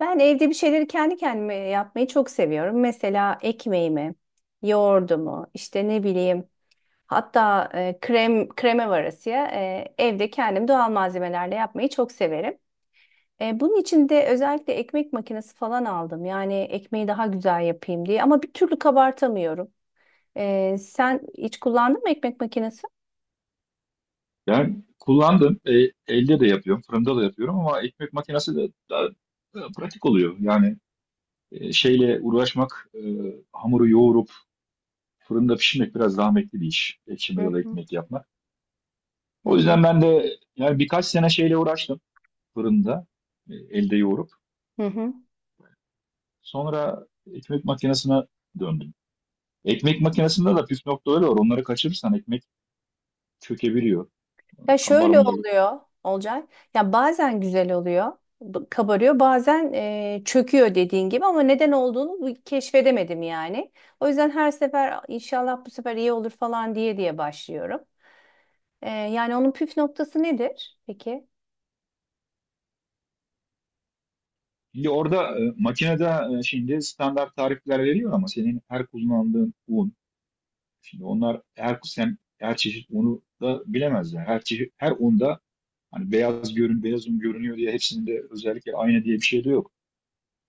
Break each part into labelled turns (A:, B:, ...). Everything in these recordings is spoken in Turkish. A: Ben evde bir şeyleri kendi kendime yapmayı çok seviyorum. Mesela ekmeğimi, yoğurdumu, işte ne bileyim, hatta krem kreme varasıya evde kendim doğal malzemelerle yapmayı çok severim. Bunun için de özellikle ekmek makinesi falan aldım. Yani ekmeği daha güzel yapayım diye ama bir türlü kabartamıyorum. Sen hiç kullandın mı ekmek makinesi?
B: Yani kullandım. Elde de yapıyorum. Fırında da yapıyorum ama ekmek makinesi de daha pratik oluyor. Yani şeyle uğraşmak, hamuru yoğurup fırında pişirmek biraz zahmetli bir iş. Ekşi
A: Hı
B: mayalı
A: hı
B: ekmek yapmak.
A: hı
B: O
A: hı.
B: yüzden ben de yani birkaç sene şeyle uğraştım fırında elde yoğurup.
A: Hı hı.
B: Sonra ekmek makinesine döndüm. Ekmek makinesinde de püf noktaları var. Onları kaçırırsan ekmek çökebiliyor,
A: Ya şöyle
B: kabarmayı.
A: oluyor olacak. Ya bazen güzel oluyor, kabarıyor, bazen çöküyor dediğin gibi ama neden olduğunu keşfedemedim yani. O yüzden her sefer inşallah bu sefer iyi olur falan diye diye başlıyorum. Yani onun püf noktası nedir peki?
B: Şimdi orada makinede şimdi standart tarifler veriyor ama senin her kullandığın un, şimdi onlar her sen her çeşit unu da bilemezler. Her çeşit her unda hani beyaz görün beyaz un görünüyor diye hepsinde özellikle aynı diye bir şey de yok.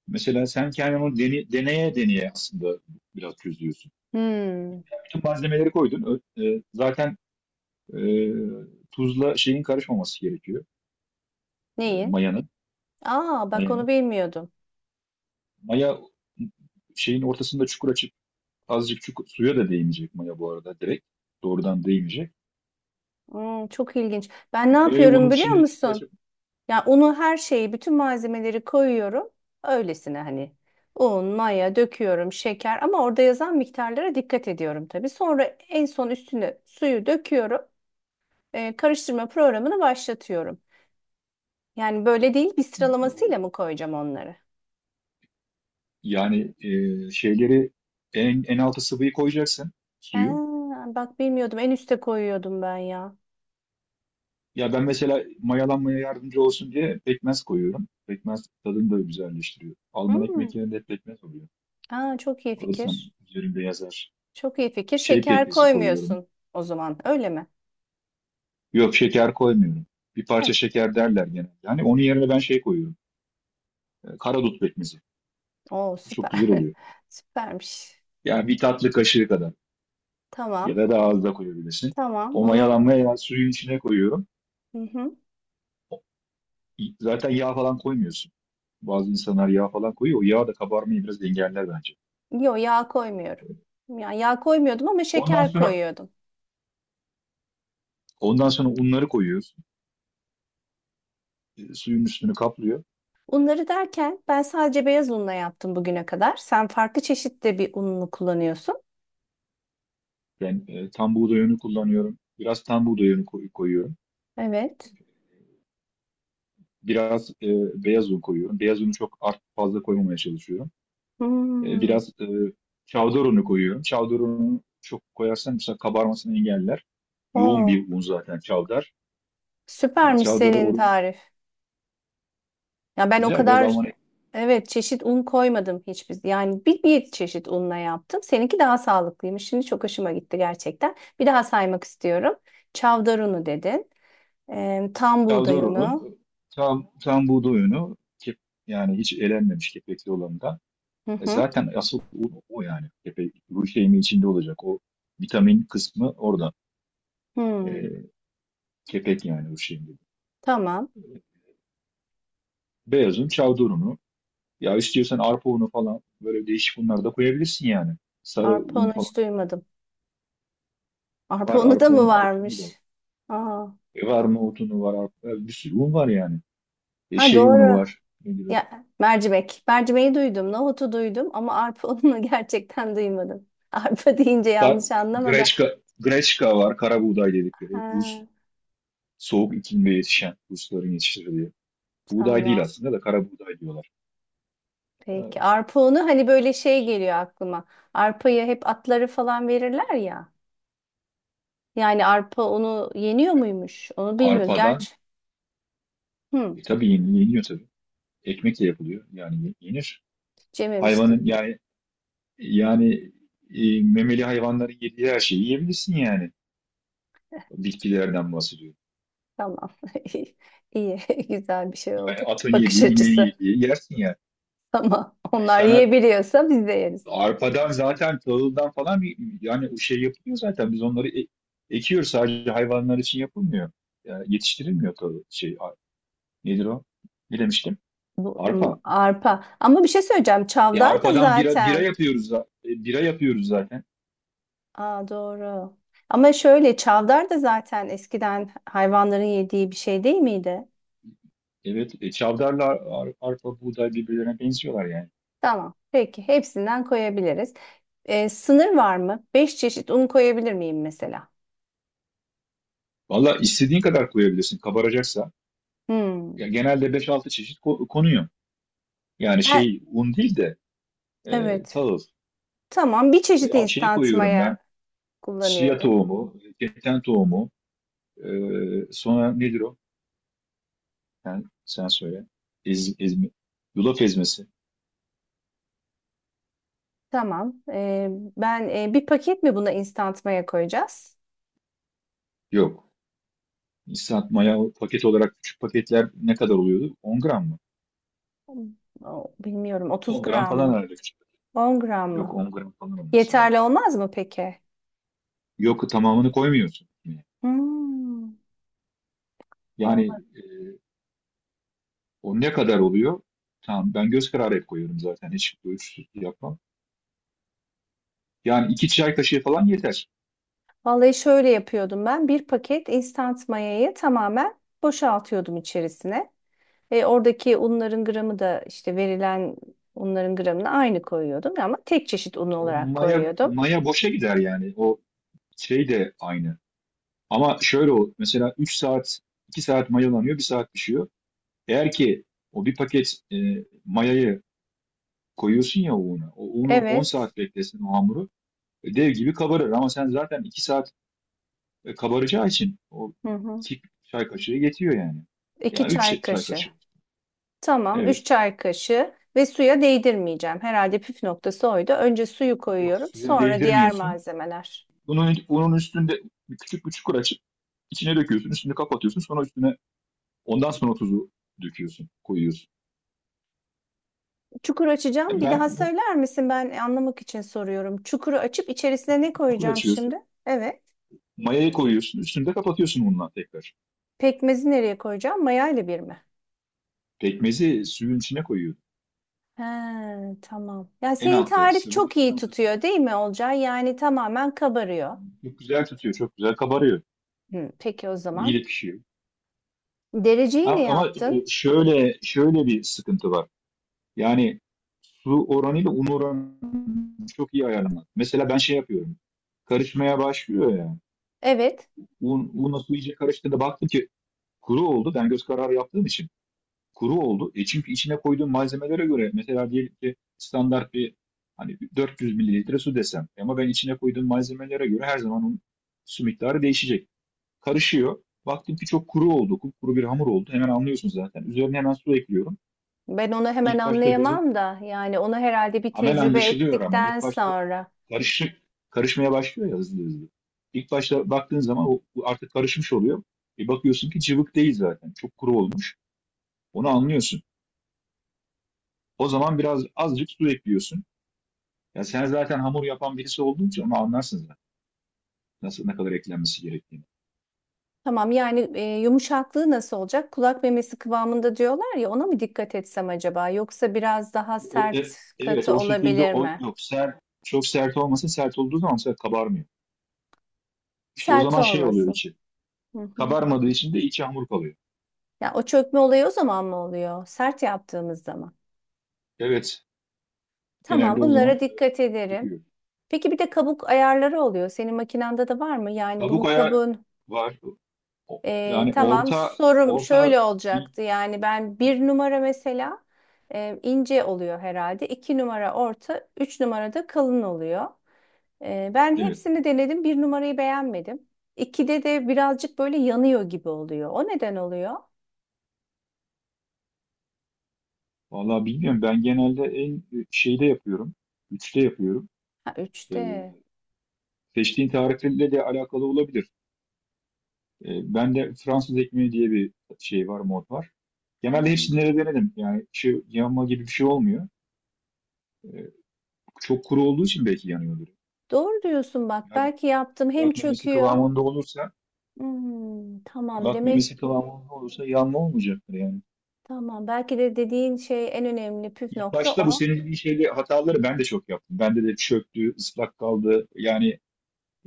B: Mesela sen kendin onu deneye deneye aslında biraz çözüyorsun.
A: Hmm,
B: Bütün malzemeleri koydun. Zaten e, tuzla şeyin karışmaması gerekiyor.
A: neyin?
B: Mayanın.
A: Aa, bak onu
B: Mayanın.
A: bilmiyordum.
B: Maya şeyin ortasında çukur açıp azıcık şu suya da değmeyecek maya bu arada direkt. Doğrudan değmeyecek.
A: Hmm, çok ilginç. Ben ne
B: Mayayı onun
A: yapıyorum biliyor
B: içinde
A: musun?
B: çıtlaşıp
A: Yani unu her şeyi, bütün malzemeleri koyuyorum. Öylesine hani un, maya döküyorum, şeker, ama orada yazan miktarlara dikkat ediyorum tabii. Sonra en son üstüne suyu döküyorum. Karıştırma programını başlatıyorum. Yani böyle değil, bir sıralamasıyla
B: o-
A: mı koyacağım onları?
B: yani şeyleri en altı sıvıyı koyacaksın
A: Ha,
B: suyu.
A: bak bilmiyordum. En üste koyuyordum ben ya.
B: Ya ben mesela mayalanmaya yardımcı olsun diye pekmez koyuyorum. Pekmez tadını da güzelleştiriyor. Alman
A: Hmm.
B: ekmek yerinde hep pekmez oluyor.
A: Aa, çok iyi
B: Alırsam
A: fikir.
B: üzerinde yazar.
A: Çok iyi fikir.
B: Şey
A: Şeker
B: pekmezi koyuyorum.
A: koymuyorsun o zaman, öyle mi?
B: Yok şeker koymuyorum. Bir
A: Ha,
B: parça şeker derler genelde. Yani onun yerine ben şey koyuyorum. Karadut pekmezi.
A: oo
B: Çok
A: süper.
B: güzel oluyor.
A: Süpermiş.
B: Yani bir tatlı kaşığı kadar. Ya
A: Tamam.
B: da daha az da koyabilirsin.
A: Tamam
B: O
A: onu.
B: mayalanmaya ya suyun içine koyuyorum.
A: Hı hı.
B: Zaten yağ falan koymuyorsun. Bazı insanlar yağ falan koyuyor. O yağ da kabarmayı biraz engeller bence.
A: Yo, yağ koymuyorum. Yani yağ koymuyordum ama
B: Ondan
A: şeker
B: sonra
A: koyuyordum.
B: ondan sonra unları koyuyoruz. Suyun üstünü kaplıyor.
A: Unları derken ben sadece beyaz unla yaptım bugüne kadar. Sen farklı çeşitte bir ununu kullanıyorsun.
B: Ben tam buğday unu kullanıyorum. Biraz tam buğday unu koyuyorum.
A: Evet.
B: Biraz beyaz un koyuyorum. Beyaz unu çok art fazla koymamaya çalışıyorum. E,
A: Hmm.
B: biraz çavdar unu koyuyorum. Çavdar unu çok koyarsan mesela kabarmasını engeller. Yoğun
A: Oo,
B: bir un zaten çavdar.
A: süpermiş
B: Çavdara
A: senin tarif. Ya ben o
B: güzel biraz
A: kadar
B: Almanya.
A: evet çeşit un koymadım hiçbir. Yani bir çeşit unla yaptım. Seninki daha sağlıklıymış. Şimdi çok hoşuma gitti gerçekten. Bir daha saymak istiyorum. Çavdar unu dedin. Tam buğday
B: Calderon'un
A: unu.
B: tam buğday unu kep, yani hiç elenmemiş kepekli olanından.
A: Hı
B: E
A: hı.
B: zaten asıl un o yani. Kepek, ruj şeyimi içinde olacak. O vitamin kısmı orada.
A: Hmm,
B: E, kepek yani ruj şeyinde.
A: tamam.
B: Beyaz un, Calderon'u. Ya istiyorsan arpa unu falan böyle değişik unlar da koyabilirsin yani. Sarı
A: Arpa
B: un
A: onu
B: falan
A: hiç duymadım. Arpa
B: var.
A: onu da
B: Arpa
A: mı
B: unu, arpa unu da var.
A: varmış? Aa,
B: Var nohut unu var. Arpa, bir sürü un var yani. E
A: ha,
B: şey unu
A: doğru.
B: var. Ne gibi?
A: Ya mercimek. Mercimeği duydum, nohutu duydum ama arpa ununu gerçekten duymadım. Arpa deyince
B: Ka
A: yanlış anlama da.
B: Greçka, Greçka var. Kara buğday dedikleri. Rus
A: Ha,
B: soğuk iklimde yetişen Rusların yetiştirdiği. Buğday değil
A: tamam.
B: aslında da kara buğday diyorlar.
A: Peki.
B: Ee,
A: Arpa unu hani böyle şey geliyor aklıma. Arpayı hep atları falan verirler ya. Yani arpa onu yeniyor muymuş? Onu bilmiyorum.
B: Arpadan
A: Gerçi hmm,
B: tabii yeniyor tabii. Ekmek de yapılıyor. Yani yenir.
A: hiç yememiştim.
B: Hayvanın yani yani memeli hayvanların yediği her şeyi yiyebilirsin yani. Bitkilerden bahsediyorum.
A: Tamam. İyi, iyi. Güzel bir şey
B: Yani
A: oldu.
B: atın
A: Bakış
B: yediği, ineğin
A: açısı.
B: yediği yersin yani.
A: Tamam.
B: Hayır
A: Onlar
B: sana
A: yiyebiliyorsa biz de yeriz.
B: arpadan zaten tahıldan falan bir yani o şey yapılıyor zaten. Biz onları ekiyoruz sadece hayvanlar için yapılmıyor. Yani yetiştirilmiyor tahıl şey nedir o? Ne demiştim?
A: Bu
B: Arpa.
A: arpa. Ama bir şey söyleyeceğim.
B: E
A: Çavdar da
B: arpadan
A: zaten.
B: bira yapıyoruz zaten.
A: Aa, doğru. Ama şöyle çavdar da zaten eskiden hayvanların yediği bir şey değil miydi?
B: Evet, çavdarla arpa, buğday birbirlerine benziyorlar yani.
A: Tamam. Peki. Hepsinden koyabiliriz. Sınır var mı? Beş çeşit un koyabilir miyim mesela?
B: Valla istediğin kadar koyabilirsin kabaracaksa.
A: Hmm.
B: Ya genelde beş altı çeşit konuyor. Yani
A: Ben,
B: şey un değil de
A: evet.
B: tahıl.
A: Tamam. Bir
B: E,
A: çeşit
B: a- şeyi
A: instant
B: koyuyorum ben.
A: maya
B: Chia
A: kullanıyorum.
B: tohumu, keten tohumu, e, sonra nedir o? Sen söyle. Ezme, yulaf ezmesi.
A: Tamam. Ben bir paket mi buna instant maya koyacağız?
B: Yok. Instant maya paket olarak küçük paketler ne kadar oluyordu? 10 gram mı?
A: Bilmiyorum. 30
B: 10 gram
A: gram
B: falan
A: mı?
B: herhalde.
A: 10 gram
B: Yok
A: mı?
B: 10 gram falan olması lazım.
A: Yeterli olmaz mı peki?
B: Yok tamamını koymuyorsun.
A: Hmm,
B: Yani
A: Olmaz.
B: o ne kadar oluyor? Tamam ben göz kararı hep koyuyorum zaten. Hiç ölçüsüz yapmam. Yani iki çay kaşığı falan yeter.
A: Vallahi şöyle yapıyordum ben. Bir paket instant mayayı tamamen boşaltıyordum içerisine. Ve oradaki unların gramı da işte verilen unların gramına aynı koyuyordum ama tek çeşit un
B: O
A: olarak
B: maya,
A: koyuyordum.
B: maya boşa gider yani. O şey de aynı. Ama şöyle o mesela 3 saat 2 saat mayalanıyor bir saat pişiyor. Eğer ki o bir paket mayayı koyuyorsun ya o una. O unu 10
A: Evet.
B: saat beklesin o hamuru. Dev gibi kabarır ama sen zaten 2 saat. Kabaracağı için o
A: Hı hı.
B: iki çay kaşığı yetiyor yani.
A: İki
B: Yani
A: çay
B: üç çay
A: kaşığı.
B: kaşığı.
A: Tamam, 3
B: Evet.
A: çay kaşığı ve suya değdirmeyeceğim. Herhalde püf noktası oydu. Önce suyu
B: Yok
A: koyuyorum,
B: suya
A: sonra diğer
B: değdirmiyorsun.
A: malzemeler.
B: Bunun üstünde bir küçük bir çukur açıp içine döküyorsun. Üstünü kapatıyorsun. Sonra üstüne ondan sonra tuzu döküyorsun. Koyuyorsun.
A: Çukur açacağım.
B: Ya
A: Bir
B: ben
A: daha
B: o
A: söyler misin? Ben anlamak için soruyorum. Çukuru açıp içerisine ne
B: bir çukur
A: koyacağım şimdi?
B: açıyorsun.
A: Evet.
B: Mayayı koyuyorsun. Üstünü de kapatıyorsun bununla tekrar.
A: Pekmezi nereye koyacağım? Mayayla bir mi?
B: Pekmezi suyun içine koyuyorsun.
A: He, tamam. Ya
B: En
A: senin
B: altta,
A: tarif
B: sıvının
A: çok
B: en
A: iyi
B: altta.
A: tutuyor değil mi, Olcay? Yani tamamen kabarıyor.
B: Çok güzel tutuyor. Çok güzel kabarıyor.
A: Hı, peki o
B: İyi
A: zaman.
B: de pişiyor.
A: Dereceyi ne
B: Ama
A: yaptın?
B: şöyle bir sıkıntı var. Yani su oranıyla un oranı çok iyi ayarlamak. Mesela ben şey yapıyorum. Karışmaya başlıyor yani.
A: Evet.
B: Unla su iyice karıştığında baktım ki kuru oldu. Ben göz kararı yaptığım için kuru oldu. E çünkü içine koyduğum malzemelere göre mesela diyelim ki standart bir hani 400 mililitre su desem. Ama ben içine koyduğum malzemelere göre her zaman onun su miktarı değişecek. Karışıyor. Baktım ki çok kuru oldu. Kuru bir hamur oldu. Hemen anlıyorsun zaten. Üzerine hemen su ekliyorum.
A: Ben onu hemen
B: İlk başta gözü
A: anlayamam da yani onu herhalde bir
B: amel
A: tecrübe
B: anlaşılıyor ama
A: ettikten
B: ilk başta
A: sonra.
B: karışık karışmaya başlıyor ya hızlı hızlı. İlk başta baktığın zaman o bu artık karışmış oluyor. Bir bakıyorsun ki cıvık değil zaten. Çok kuru olmuş. Onu anlıyorsun. O zaman biraz azıcık su ekliyorsun. Ya sen zaten hamur yapan birisi olduğun için onu anlarsın zaten. Nasıl ne kadar eklenmesi gerektiğini.
A: Tamam yani yumuşaklığı nasıl olacak? Kulak memesi kıvamında diyorlar ya, ona mı dikkat etsem acaba? Yoksa biraz daha
B: O, e-
A: sert,
B: evet
A: katı
B: o şekilde
A: olabilir
B: o
A: mi?
B: yok. Çok sert olmasa sert olduğu zaman mesela kabarmıyor. İşte o
A: Sert
B: zaman şey oluyor
A: olmasın.
B: içi.
A: Hı hı.
B: Kabarmadığı için de içi hamur kalıyor.
A: Ya o çökme olayı o zaman mı oluyor? Sert yaptığımız zaman.
B: Evet.
A: Tamam,
B: Genelde o
A: bunlara
B: zaman
A: dikkat ederim.
B: döküyor.
A: Peki bir de kabuk ayarları oluyor. Senin makinanda da var mı? Yani bunun
B: Kabuk ayağı
A: kabuğun.
B: var. Yani
A: Tamam,
B: orta
A: sorum
B: orta,
A: şöyle olacaktı, yani ben bir numara mesela ince oluyor herhalde. İki numara orta, üç numara da kalın oluyor. Ben
B: evet,
A: hepsini denedim, bir numarayı beğenmedim. İkide de birazcık böyle yanıyor gibi oluyor. O neden oluyor?
B: vallahi bilmiyorum ben genelde en şeyde yapıyorum. Üçte yapıyorum.
A: Ha,
B: Ee,
A: üçte.
B: seçtiğin tarihle de alakalı olabilir. Ben de Fransız ekmeği diye bir şey var mod var. Genelde
A: Ha,
B: hepsini de denedim. Yani şu yanma gibi bir şey olmuyor. Ee, çok kuru olduğu için belki yanıyordur.
A: doğru diyorsun, bak
B: Biraz
A: belki yaptım hem
B: kulak memesi
A: çöküyor.
B: kıvamında olursa
A: Tamam,
B: kulak
A: demek
B: memesi
A: ki
B: kıvamında olursa yanma olmayacaktır yani.
A: tamam belki de dediğin şey en önemli püf
B: İlk
A: nokta
B: başta bu
A: o.
B: senin dediğin şeyle hataları ben de çok yaptım. Bende de çöktü, ıslak kaldı. Yani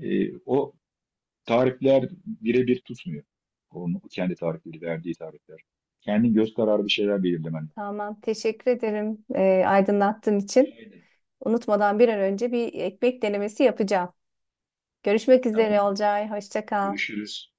B: o tarifler birebir tutmuyor. Onun kendi tarifleri, verdiği tarifler. Kendin göz kararı bir şeyler belirlemen lazım.
A: Tamam, teşekkür ederim aydınlattığın
B: Rica
A: için.
B: ederim.
A: Unutmadan bir an önce bir ekmek denemesi yapacağım. Görüşmek üzere,
B: Tamam.
A: Olcay. Hoşça kal.
B: Görüşürüz.